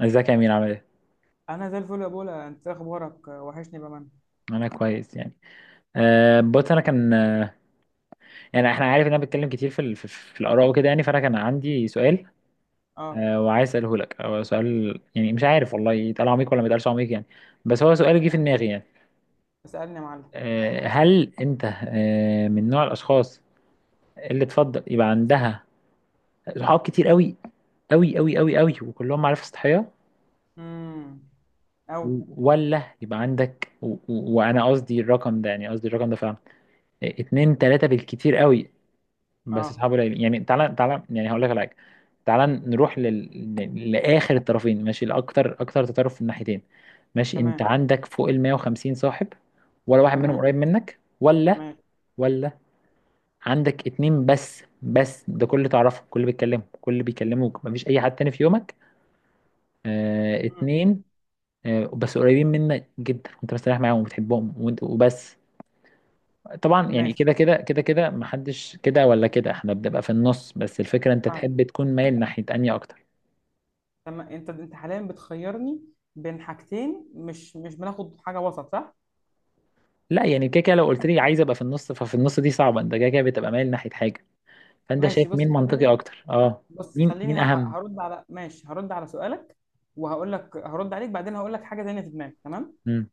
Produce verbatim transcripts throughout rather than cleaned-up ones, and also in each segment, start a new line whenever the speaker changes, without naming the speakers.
ازيك يا امين عامل ايه؟
انا زي الفل يا بولا، انت إيه اخبارك؟ وحشني بأمان.
انا كويس يعني. أه بص انا كان آه، يعني احنا عارف ان انا بتكلم كتير في ال- في, في الاراء وكده يعني، فانا كان عندي سؤال.
اه.
أه وعايز اساله لك، او سؤال يعني مش عارف والله يتقال عميق ولا ما يتقالش عميق يعني، بس هو سؤال جه في دماغي يعني.
اسألني يا معلم.
أه هل انت أه من نوع الاشخاص اللي تفضل يبقى عندها صحاب كتير قوي قوي قوي قوي قوي وكلهم معارف سطحيه،
امم. او.
و- ولا يبقى عندك و- و- وانا قصدي الرقم ده، يعني قصدي الرقم ده فعلا اتنين تلاتة بالكتير قوي، بس اصحابه
اه.
قليلين. يعني تعالى تعالى، يعني هقول لك على حاجه، تعالى نروح لل... ل- لاخر الطرفين، ماشي، لاكتر اكتر تطرف في الناحيتين. ماشي، انت
تمام.
عندك فوق ال مية وخمسين صاحب، ولا واحد منهم
تمام.
قريب منك، ولا
ماشي.
ولا عندك اتنين بس؟ بس ده كل اللي تعرفه، كل اللي بيتكلموا، كل اللي بيكلموك، مفيش اي حد تاني في يومك. آه
مم.
اتنين، آه، بس قريبين منك جدا وانت مستريح معاهم وبتحبهم وانت وبس. طبعا يعني
ماشي.
كده كده كده كده، محدش كده ولا كده، احنا بنبقى في النص، بس الفكرة انت
فاهم.
تحب تكون مايل ناحية انهي اكتر؟
تمام. انت انت حاليا بتخيرني بين حاجتين، مش مش بناخد حاجة وسط، صح؟
لا يعني كده كده، لو قلت لي عايز ابقى في النص، ففي النص دي صعبة، انت كده كده بتبقى مايل ناحية حاجة. فانت
ماشي،
شايف مين
بص
منطقي
خليني
اكتر؟ اه،
بص
مين
خليني
مين
ه-
اهم؟
ه- هرد على ماشي، هرد على سؤالك، وهقول لك، هرد عليك بعدين هقول لك حاجة تانية في دماغي، تمام؟
مم.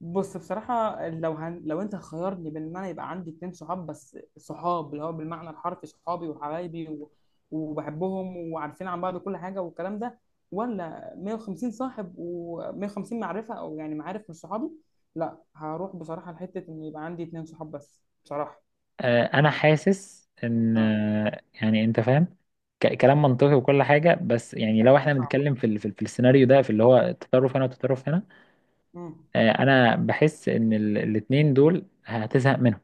بص، بصراحة لو هن... لو انت خيرني بين ان انا يبقى عندي اتنين صحاب بس، صحاب اللي هو بالمعنى الحرفي صحابي وحبايبي و... وبحبهم، وعارفين عن بعض كل حاجة والكلام ده، ولا مية وخمسين صاحب و150 معرفة، او يعني معارف مش صحابي؟ لا، هروح بصراحة لحتة ان يبقى عندي اتنين صحاب بس، بصراحة.
آه انا حاسس ان
اه.
آه، يعني انت فاهم، ك- كلام منطقي وكل حاجة، بس يعني لو احنا
صح.
بنتكلم في ال- في ال- في السيناريو ده، في اللي هو التطرف هنا والتطرف هنا،
امم،
آه، انا بحس ان ال- الاتنين دول هتزهق منهم.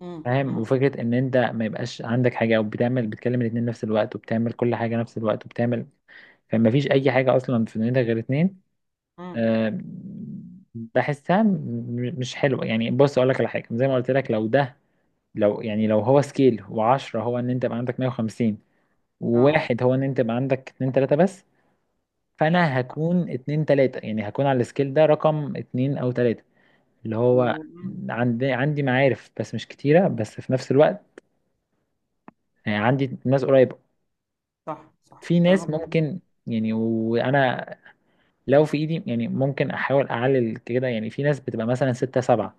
امم،
فاهم،
امم،
وفكرة ان انت ما يبقاش عندك حاجة، او بتعمل بتكلم الاتنين نفس الوقت وبتعمل كل حاجة نفس الوقت وبتعمل، فما فيش اي حاجة اصلا في دنيتك غير اتنين،
امم.
آه، بحسها م- مش حلوة. يعني بص اقول لك على حاجة، زي ما قلت لك، لو ده، لو يعني لو هو سكيل، وعشرة هو ان انت يبقى عندك مية وخمسين،
اه.
وواحد هو ان انت يبقى عندك اتنين تلاتة بس، فانا هكون اتنين تلاتة، يعني هكون على السكيل ده رقم اتنين او تلاتة، اللي هو
و... مم.
عندي عندي معارف بس مش كتيرة، بس في نفس الوقت يعني عندي ناس قريبة،
صح، صح،
في ناس
كلامك منطقي.
ممكن يعني، وانا لو في ايدي يعني ممكن احاول اعلل كده، يعني في ناس بتبقى مثلا ستة سبعة،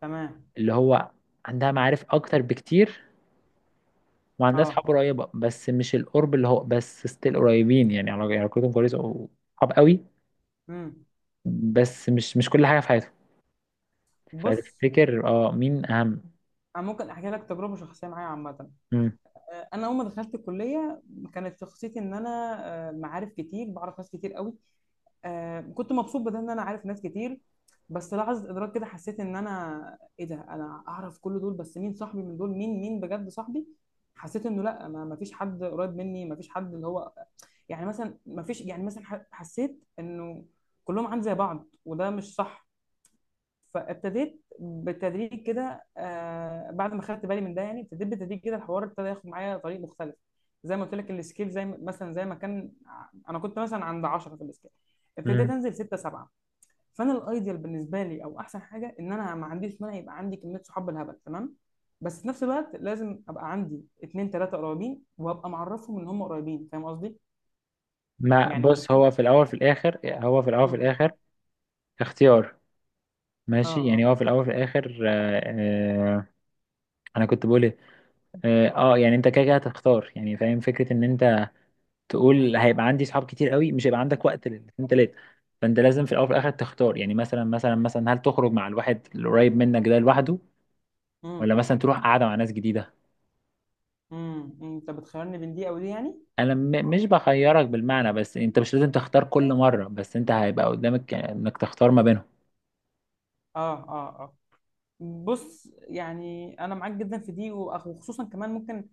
تمام.
اللي هو عندها معارف اكتر بكتير وعندها اصحاب
اه.
قريبة، بس مش القرب اللي هو، بس ستيل قريبين، يعني علاق- علاقتهم كويسة وصحاب قوي،
امم.
بس مش مش كل حاجة في حياتهم.
بص،
فتفتكر اه مين اهم؟
انا ممكن احكي لك تجربة شخصية معايا عامة.
مم.
انا اول ما دخلت الكليه كانت شخصيتي ان انا آه، معارف كتير، بعرف ناس كتير قوي. آه، كنت مبسوط بده ان انا عارف ناس كتير. بس لحظه ادراك كده حسيت ان انا ايه ده، انا اعرف كل دول، بس مين صاحبي من دول؟ مين مين بجد صاحبي؟ حسيت انه لا، ما فيش حد قريب مني، ما فيش حد اللي هو يعني مثلا ما فيش، يعني مثلا ح- حسيت انه كلهم عندي زي بعض، وده مش صح. فابتديت بالتدريج كده، آه، بعد ما خدت بالي من ده، يعني ابتديت بالتدريج كده الحوار ابتدى ياخد معايا طريق مختلف. زي ما قلت لك السكيل، زي ما- مثلا زي ما كان ع- انا كنت مثلا عند عشرة في السكيل، ابتديت
مم.
انزل ستة سبعة. فانا الايديال بالنسبه لي، او احسن حاجه، ان انا ما عنديش مانع يبقى عندي كميه صحاب بالهبل، تمام، بس في نفس الوقت لازم ابقى عندي اتنين تلاته قريبين، وابقى معرفهم ان هم قريبين، فاهم قصدي؟
ما
يعني مش.
بص، هو في الاول في الاخر، هو في الاول في
امم،
الاخر اختيار.
اه،
ماشي،
اه،
يعني هو في الاول في الاخر آه. آه، انا كنت بقول، اه آه، يعني انت كده كده هتختار، يعني فاهم فكره ان انت تقول هيبقى عندي صحاب كتير قوي، مش هيبقى عندك وقت للاتنين تلاته، فانت لازم في الاول وفي الاخر تختار. يعني مثلا مثلا مثلا، هل تخرج مع الواحد القريب منك ده لوحده، ولا
امم،
مثلا تروح قاعده مع ناس جديده؟
امم، انت بتخيرني بين دي او دي يعني؟
انا م مش بخيرك بالمعنى، بس انت مش لازم تختار كل مره، بس انت هيبقى قدامك انك تختار ما بينهم.
اه، اه، آه. بص يعني انا معاك جدا في دي، وأخ- وخصوصا كمان ممكن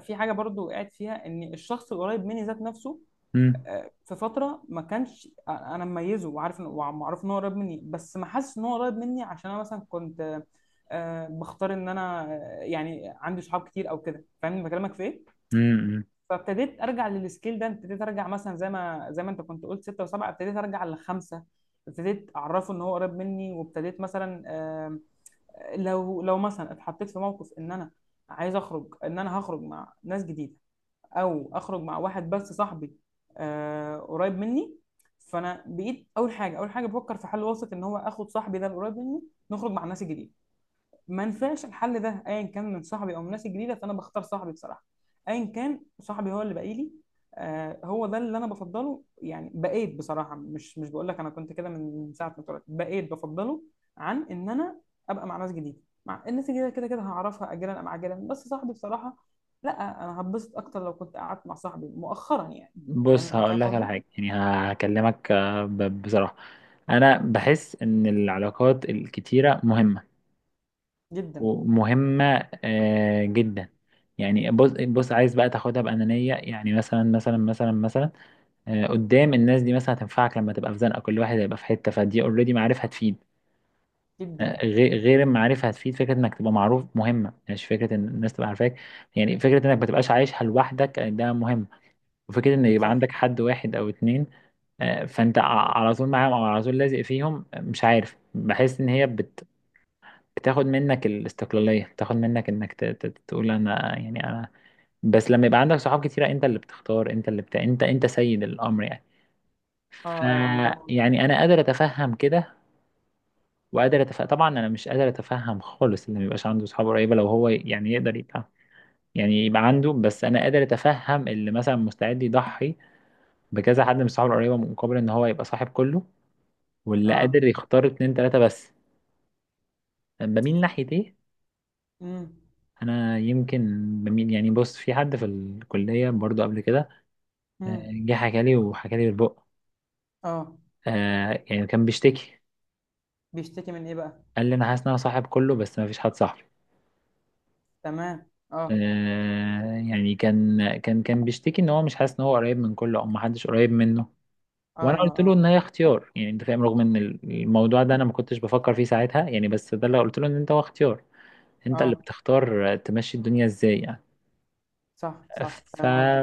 في حاجه برضو وقعت فيها، ان الشخص القريب مني ذات نفسه
امم.
آه، في فتره ما كانش، آه، انا مميزه، وعارف إن- ومعروف ان هو قريب مني بس ما حاسس ان هو قريب مني، عشان انا مثلا كنت آه، آه، بختار ان انا آه، يعني عندي صحاب كتير او كده، فاهمني بكلمك في ايه.
امم.
فابتديت ارجع للسكيل ده، ابتديت ارجع مثلا زي ما زي ما انت كنت قلت ستة وسبعة، ابتديت ارجع لخمسة. ابتديت اعرفه ان هو قريب مني، وابتديت مثلا لو لو مثلا اتحطيت في موقف ان انا عايز اخرج، ان انا هخرج مع ناس جديده، او اخرج مع واحد بس صاحبي آه قريب مني. فانا بقيت اول حاجه، اول حاجه بفكر في حل وسط ان هو اخد صاحبي ده القريب مني، نخرج مع الناس الجديده. ما نفعش الحل ده، ايا كان من صاحبي او من ناس جديده، فانا بختار صاحبي بصراحه، ايا كان صاحبي هو اللي باقي لي. آه، هو ده اللي انا بفضله، يعني بقيت بصراحه مش مش بقول لك انا كنت كده من ساعه ما اتولدت، بقيت بفضله عن ان انا ابقى مع ناس جديده، مع الناس الجديده كده كده هعرفها اجلا ام عاجلا، بس صاحبي بصراحه لا. انا هتبسط اكتر لو كنت قعدت مع صاحبي مؤخرا يعني.
بص
فاهم، فاهم
هقول لك على
قصدي.
حاجه، يعني هكلمك آه، ب- بصراحه، انا بحس ان العلاقات الكتيره مهمه
جدا.
ومهمة آه، جدا. يعني بص بص، عايز بقى تاخدها بأنانية، يعني مثلا مثلا مثلا مثلا، آه، قدام الناس دي مثلا هتنفعك لما تبقى في زنقة، كل واحد هيبقى في حتة، فدي اوريدي معرفة هتفيد
جدا.
آه، غير غير المعرفة هتفيد. فكرة انك تبقى معروف مهمة، مش فكرة ان الناس تبقى عارفاك، يعني فكرة انك ما تبقاش عايشها لوحدك، آه، ده مهم. وفكرة ان يبقى
صح.
عندك حد واحد او اتنين، آه، فانت ع- على طول معاهم، او على طول لازق فيهم، آه، مش عارف، بحس ان هي بت، بتاخد منك الاستقلالية، بتاخد منك انك ت- ت- تقول انا، يعني انا، بس لما يبقى عندك صحاب كتيرة، انت اللي بتختار، انت اللي بتا... انت انت سيد الامر يعني.
اه،
ف،
اه، انا فاهم قصدي.
يعني انا قادر اتفهم كده، وقادر اتفهم طبعا. انا مش قادر اتفهم خالص اللي ما يبقاش عنده صحاب قريبة، لو هو يعني يقدر يبقى، يعني يبقى عنده، بس انا قادر اتفهم اللي مثلا مستعد يضحي بكذا حد من صحابه القريبة مقابل ان هو يبقى صاحب كله، واللي
اه.
قادر يختار اتنين تلاتة بس بميل ناحية ايه.
امم.
انا يمكن بميل، يعني بص، في حد في الكليه برضو قبل كده آه،
امم.
جه حكى لي وحكى لي بالبق،
اه.
آه، يعني كان بيشتكي،
بيشتكي من ايه بقى؟
قال لي انا حاسس ان انا صاحب كله بس ما فيش حد صاحبي.
تمام. اه،
آه، يعني كان كان كان بيشتكي ان هو مش حاسس ان هو قريب من كله، او ما حدش قريب منه.
اه،
وانا قلت
اه.
له
اه،
ان هي اختيار، يعني انت فاهم، رغم ان الموضوع ده انا ما كنتش بفكر فيه ساعتها يعني، بس ده اللي قلت له، ان انت هو اختيار، انت اللي
اه.
بتختار تمشي الدنيا ازاي.
صح، صح،
ف،
فاهم قصدك.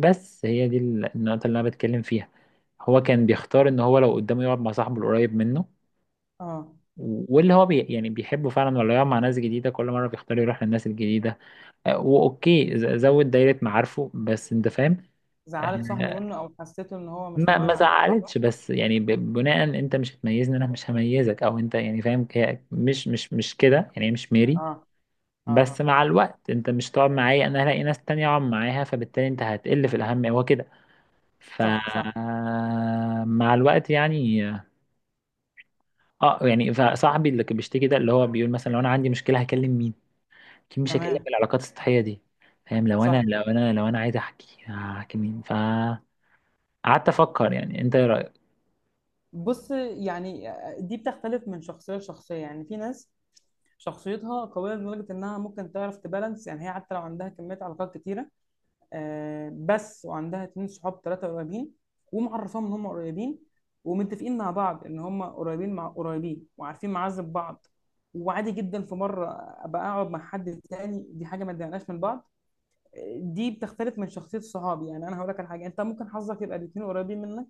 بس هي دي ال- النقطة اللي أنا بتكلم فيها. هو كان بيختار إن هو لو قدامه يقعد مع صاحبه القريب منه
اه.
واللي هو بي يعني بيحبه فعلا، ولا يقعد مع ناس جديدة، كل مرة بيختار يروح للناس الجديدة، آه، وأوكي ز- زود دايرة معارفه، بس أنت فاهم.
زعلت صاحبه
آه،
منه او حسيته ان هو مش
ما ما
مميز عنه، صح؟
زعلتش، بس يعني ب- بناء، أنت مش هتميزني أنا مش هميزك، أو أنت، يعني فاهم، هي مش مش مش كده، يعني هي مش ميري،
اه، اه،
بس مع الوقت أنت مش تقعد معايا، أنا هلاقي ناس تانية أقعد معاها، فبالتالي أنت هتقل في الأهمية، هو كده.
صح، صح،
فمع الوقت يعني، اه، يعني فصاحبي اللي كان بيشتكي ده اللي هو بيقول مثلا، لو انا عندي مشكله هكلم مين؟ اكيد مش هكلم
تمام،
العلاقات السطحيه دي، فاهم، لو انا
صح.
لو انا لو انا عايز احكي هحكي مين؟ فقعدت افكر. يعني انت ايه رايك؟
بص يعني آه، دي بتختلف من شخصيه لشخصيه، يعني في ناس شخصيتها قويه لدرجه انها ممكن تعرف تبالانس، يعني هي حتى لو عندها كميه علاقات كتيره، آه، بس وعندها اتنين صحاب تلاتة قريبين، ومعرفاهم ان هم قريبين، ومتفقين مع بعض ان هم قريبين مع قريبين، وعارفين معازب بعض، وعادي جدا في مرة ابقى اقعد مع حد تاني، دي حاجة ما تضايقناش من بعض. دي بتختلف من شخصيه الصحاب، يعني انا هقول لك على حاجه، انت ممكن حظك يبقى الاثنين قريبين منك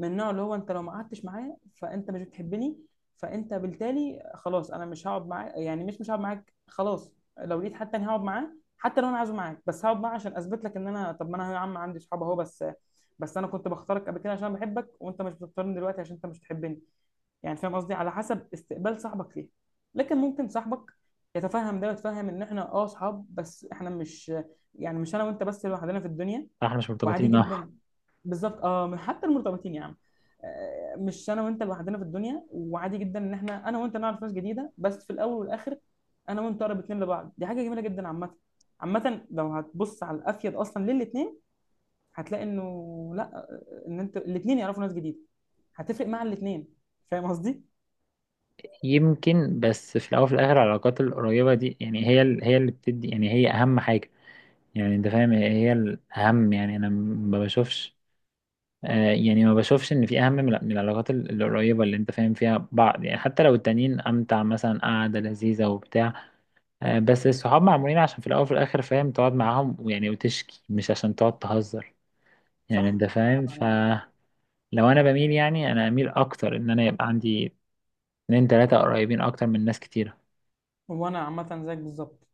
من النوع اللي هو انت لو ما قعدتش معايا فانت مش بتحبني، فانت بالتالي خلاص انا مش هقعد معاك، يعني مش مش هقعد معاك خلاص، لو لقيت حد تاني هقعد معاه حتى لو انا عايزه معاك، بس هقعد معاه عشان اثبت لك ان انا طب ما انا يا عم عندي صحاب اهو بس، بس انا كنت بختارك قبل كده عشان بحبك، وانت مش بتختارني دلوقتي عشان انت مش بتحبني، يعني فاهم قصدي؟ على حسب استقبال صاحبك ليها. لكن ممكن صاحبك يتفهم ده، ويتفهم ان احنا اه اصحاب بس، احنا مش، يعني مش انا وانت بس لوحدنا في الدنيا،
احنا مش
وعادي
مرتبطين، اه.
جدا. بالظبط، اه، حتى المرتبطين يا عم آه، مش انا وانت لوحدنا في الدنيا، وعادي جدا ان احنا انا وانت نعرف ناس جديده، بس في الاول والاخر انا وانت اقرب اتنين لبعض، دي حاجه جميله جدا عامه. عامه لو هتبص على الافيد اصلا للاتنين، هتلاقي انه لا، ان انت الاتنين يعرفوا ناس جديده هتفرق مع الاتنين، فاهم قصدي؟
يمكن، بس في الاول وفي الاخر العلاقات القريبه دي، يعني هي ال- هي اللي بتدي، يعني هي اهم حاجه، يعني انت فاهم هي هي الاهم. يعني انا ما بشوفش، آه، يعني ما بشوفش ان في اهم من من العلاقات ال- القريبه اللي انت فاهم فيها بعض، يعني حتى لو التانيين امتع، مثلا قعده لذيذه وبتاع، آه، بس الصحاب معمولين عشان في الاول وفي الاخر، فاهم، تقعد معاهم ويعني وتشكي، مش عشان تقعد تهزر، يعني
صح،
انت
صح،
فاهم.
بأمانة.
فلو، انا بميل، يعني انا اميل اكتر ان انا يبقى عندي اتنين تلاته قريبين اكتر من ناس كتيره.
وانا عامه زيك بالظبط.